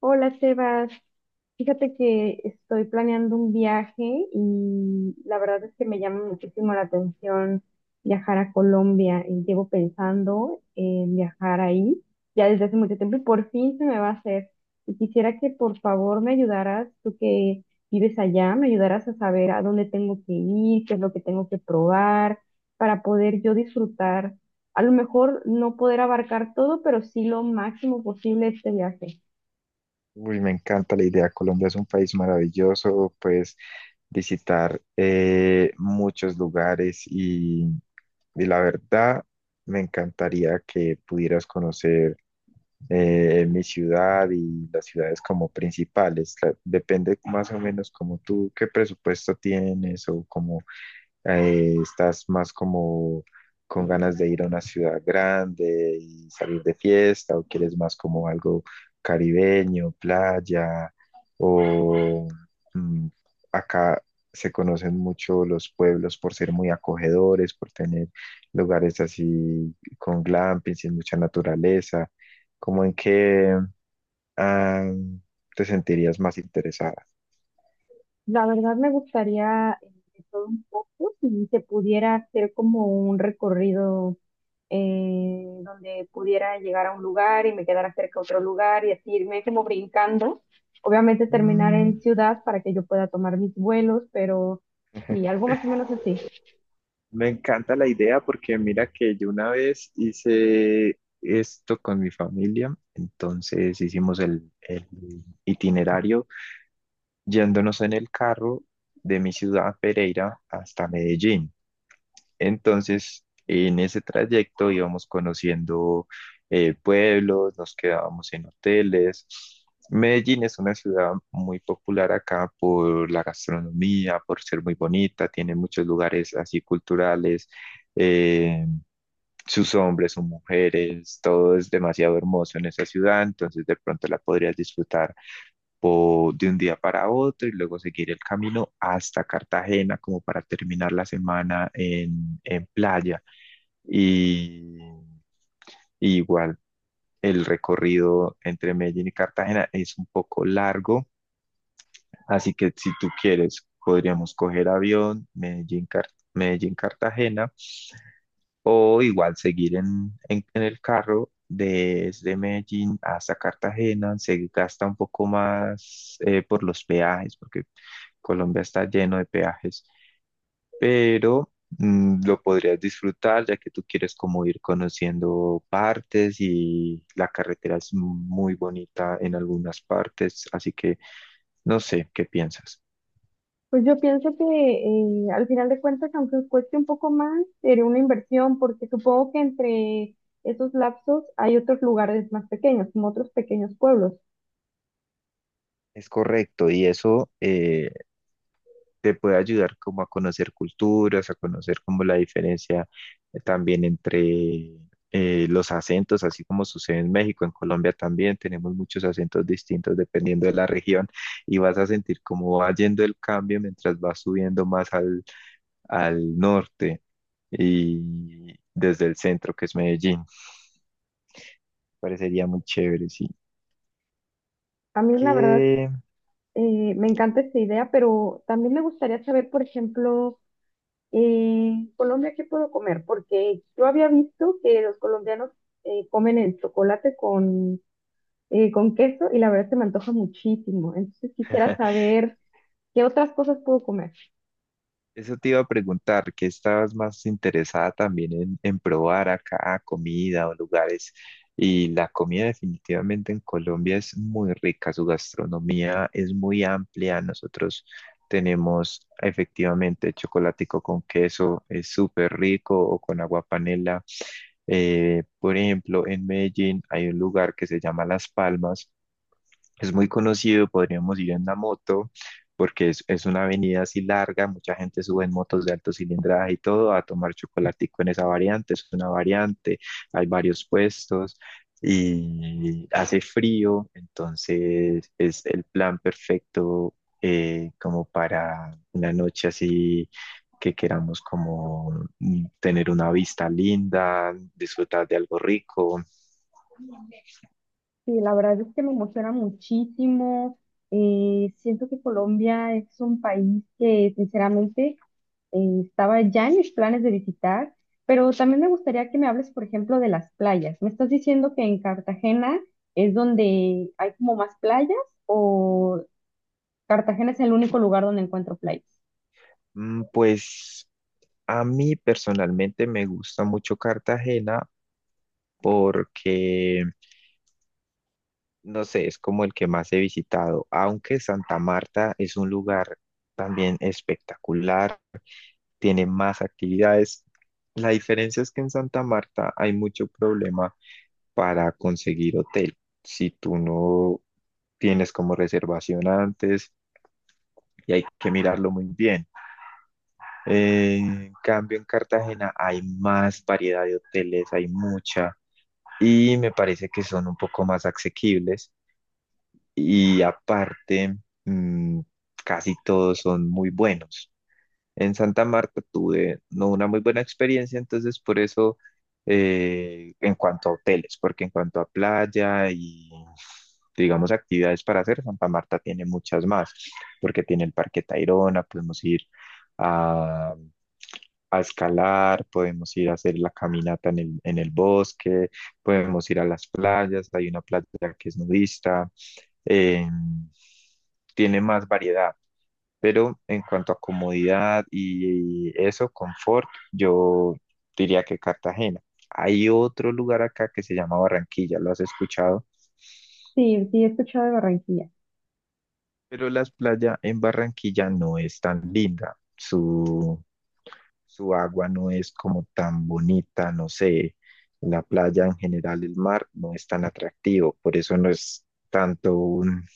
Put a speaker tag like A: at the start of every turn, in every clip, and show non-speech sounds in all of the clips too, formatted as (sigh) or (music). A: Hola, Sebas. Fíjate que estoy planeando un viaje y la verdad es que me llama muchísimo la atención viajar a Colombia. Y llevo pensando en viajar ahí ya desde hace mucho tiempo y por fin se me va a hacer. Y quisiera que por favor me ayudaras, tú que vives allá, me ayudaras a saber a dónde tengo que ir, qué es lo que tengo que probar para poder yo disfrutar. A lo mejor no poder abarcar todo, pero sí lo máximo posible este viaje.
B: Uy, me encanta la idea. Colombia es un país maravilloso, puedes visitar muchos lugares y la verdad me encantaría que pudieras conocer mi ciudad y las ciudades como principales. La- depende más o menos como tú, qué presupuesto tienes o como estás más como con ganas de ir a una ciudad grande y salir de fiesta, o quieres más como algo caribeño, playa, o mm, acá se conocen mucho los pueblos por ser muy acogedores, por tener lugares así con glamping, sin mucha naturaleza, como en que ah, te sentirías más interesada.
A: La verdad me gustaría de todo un poco, si se pudiera hacer como un recorrido, donde pudiera llegar a un lugar y me quedara cerca a otro lugar y así irme como brincando. Obviamente terminar
B: Mm.
A: en ciudad para que yo pueda tomar mis vuelos, pero sí, algo más o menos así.
B: Me encanta la idea porque mira que yo una vez hice esto con mi familia, entonces hicimos el itinerario yéndonos en el carro de mi ciudad Pereira hasta Medellín. Entonces, en ese trayecto íbamos conociendo pueblos, nos quedábamos en hoteles. Medellín es una ciudad muy popular acá por la gastronomía, por ser muy bonita, tiene muchos lugares así culturales, eh, sus hombres, sus mujeres, todo es demasiado hermoso en esa ciudad, entonces de pronto la podrías disfrutar o de un día para otro y luego seguir el camino hasta Cartagena como para terminar la semana en playa. Y, y igual el recorrido entre Medellín y Cartagena es un poco largo, así que si tú quieres podríamos coger avión Medellín, Medellín Cartagena o igual seguir en el carro. Desde Medellín hasta Cartagena se gasta un poco más por los peajes, porque Colombia está lleno de peajes, pero lo podrías disfrutar ya que tú quieres como ir conociendo partes y la carretera es muy bonita en algunas partes, así que no sé qué piensas.
A: Pues yo pienso que, al final de cuentas, aunque cueste un poco más, sería una inversión porque supongo que entre esos lapsos hay otros lugares más pequeños, como otros pequeños pueblos.
B: Es correcto, y eso te puede ayudar como a conocer culturas, a conocer como la diferencia también entre los acentos, así como sucede en México, en Colombia también tenemos muchos acentos distintos dependiendo de la región y vas a sentir cómo va yendo el cambio mientras vas subiendo más al norte y desde el centro, que es Medellín. Parecería muy chévere, sí.
A: A mí la verdad,
B: ¿Qué?
A: Me encanta esta idea, pero también me gustaría saber, por ejemplo, en Colombia, ¿qué puedo comer? Porque yo había visto que los colombianos comen el chocolate con queso y la verdad se me antoja muchísimo. Entonces quisiera
B: (laughs)
A: saber qué otras cosas puedo comer.
B: Eso te iba a preguntar, ¿qué estabas más interesada también en probar acá, comida o lugares? Y la comida definitivamente en Colombia es muy rica, su gastronomía es muy amplia. Nosotros tenemos efectivamente chocolatico con queso, es súper rico, o con agua panela. Por ejemplo, en Medellín hay un lugar que se llama Las Palmas, es muy conocido, podríamos ir en la moto, porque es una avenida así larga, mucha gente sube en motos de alto cilindraje y todo a tomar chocolatico en esa variante, es una variante, hay varios puestos y hace frío, entonces es el plan perfecto como para una noche así que queramos como tener una vista linda, disfrutar de algo rico.
A: Sí, la verdad es que me emociona muchísimo. Siento que Colombia es un país que, sinceramente, estaba ya en mis planes de visitar, pero también me gustaría que me hables, por ejemplo, de las playas. ¿Me estás diciendo que en Cartagena es donde hay como más playas o Cartagena es el único lugar donde encuentro playas?
B: Pues, a mí personalmente me gusta mucho Cartagena porque, no sé, es como el que más he visitado, aunque Santa Marta es un lugar también espectacular, tiene más actividades. La diferencia es que en Santa Marta hay mucho problema para conseguir hotel. Si tú no tienes como reservación antes y hay que mirarlo muy bien. En cambio, en Cartagena hay más variedad de hoteles, hay mucha y me parece que son un poco más asequibles y aparte mm, casi todos son muy buenos. En Santa Marta tuve no una muy buena experiencia, entonces por eso en cuanto a hoteles, porque en cuanto a playa y digamos actividades para hacer, Santa Marta tiene muchas más, porque tiene el Parque Tayrona, podemos ir a a escalar, podemos ir a hacer la caminata en el bosque, podemos ir a las playas, hay una playa que es nudista, eh, tiene más variedad, pero en cuanto a comodidad y eso, confort, yo diría que Cartagena. Hay otro lugar acá que se llama Barranquilla, ¿lo has escuchado?
A: Sí, sí, he escuchado de Barranquilla.
B: Pero las playas en Barranquilla no es tan linda. Su agua no es como tan bonita, no sé, la playa en general, el mar no es tan atractivo, por eso no es tanto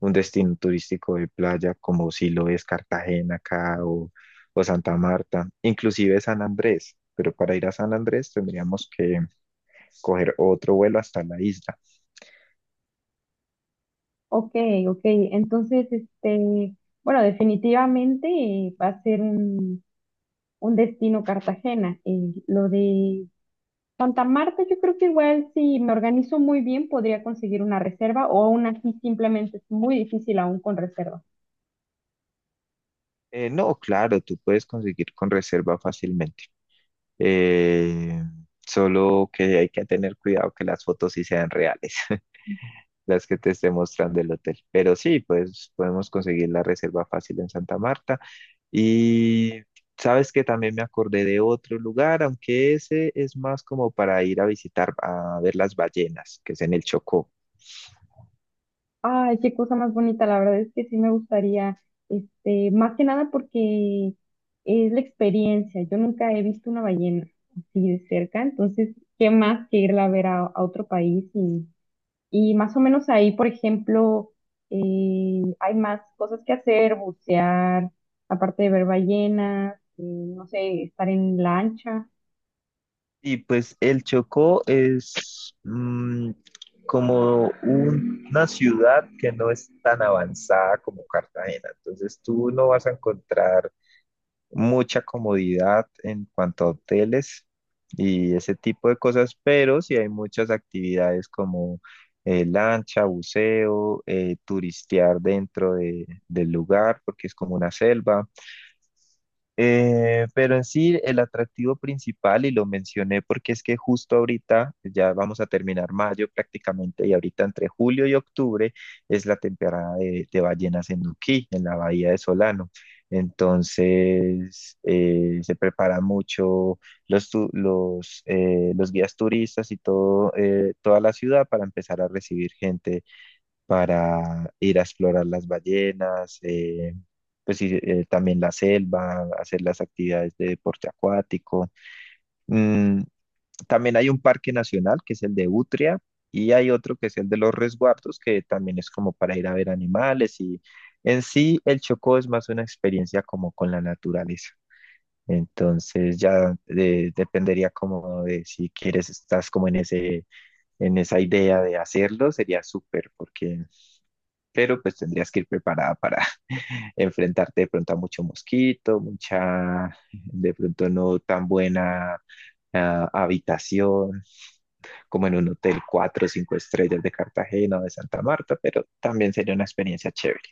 B: un destino turístico de playa como si lo es Cartagena acá o Santa Marta, inclusive San Andrés, pero para ir a San Andrés tendríamos que coger otro vuelo hasta la isla.
A: Ok, ok. Entonces, este, bueno, definitivamente, va a ser un destino Cartagena. Lo de Santa Marta, yo creo que igual si me organizo muy bien podría conseguir una reserva o aún así simplemente es muy difícil aún con reserva.
B: No, claro, tú puedes conseguir con reserva fácilmente. Eh, solo que hay que tener cuidado que las fotos sí sean reales. (laughs) Las que te esté mostrando el hotel. Pero sí, pues podemos conseguir la reserva fácil en Santa Marta. Y sabes que también me acordé de otro lugar, aunque ese es más como para ir a visitar, a ver las ballenas, que es en el Chocó.
A: Ay, qué cosa más bonita, la verdad es que sí me gustaría, este, más que nada porque es la experiencia. Yo nunca he visto una ballena así de cerca, entonces, ¿qué más que irla a ver a otro país? Y más o menos ahí, por ejemplo, hay más cosas que hacer, bucear, aparte de ver ballenas, no sé, estar en lancha.
B: Y pues el Chocó es como una ciudad que no es tan avanzada como Cartagena. Entonces tú no vas a encontrar mucha comodidad en cuanto a hoteles y ese tipo de cosas, pero sí hay muchas actividades como lancha, buceo, turistear dentro del lugar, porque es como una selva. Pero en sí, el atractivo principal, y lo mencioné porque es que justo ahorita, ya vamos a terminar mayo prácticamente, y ahorita entre julio y octubre es la temporada de ballenas en Nuquí, en la bahía de Solano. Entonces, se preparan mucho los guías turistas y todo, toda la ciudad para empezar a recibir gente para ir a explorar las ballenas, pues sí, también la selva, hacer las actividades de deporte acuático. Mm, también hay un parque nacional que es el de Utria y hay otro que es el de los resguardos que también es como para ir a ver animales y en sí el Chocó es más una experiencia como con la naturaleza. Entonces ya dependería como de si quieres, estás como en ese, en esa idea de hacerlo, sería súper, porque pero pues tendrías que ir preparada para (laughs) enfrentarte de pronto a mucho mosquito, mucha, de pronto no tan buena habitación, como en un hotel 4 o 5 estrellas de Cartagena o de Santa Marta, pero también sería una experiencia chévere.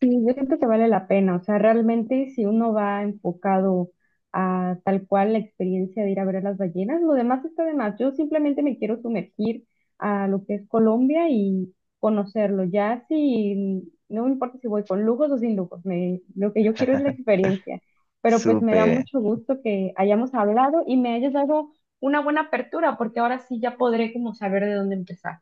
A: Sí, yo siento que vale la pena, o sea, realmente si uno va enfocado a tal cual la experiencia de ir a ver a las ballenas, lo demás está de más. Yo simplemente me quiero sumergir a lo que es Colombia y conocerlo. Ya, si no me importa si voy con lujos o sin lujos, me- lo que yo quiero es la
B: (laughs)
A: experiencia. Pero pues me da
B: Súper.
A: mucho gusto que hayamos hablado y me hayas dado una buena apertura, porque ahora sí ya podré como saber de dónde empezar.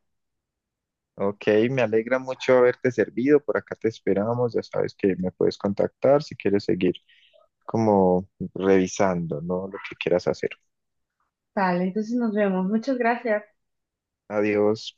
B: Ok, me alegra mucho haberte servido. Por acá te esperamos. Ya sabes que me puedes contactar si quieres seguir como revisando, ¿no? Lo que quieras hacer.
A: Tal, entonces nos vemos. Muchas gracias.
B: Adiós.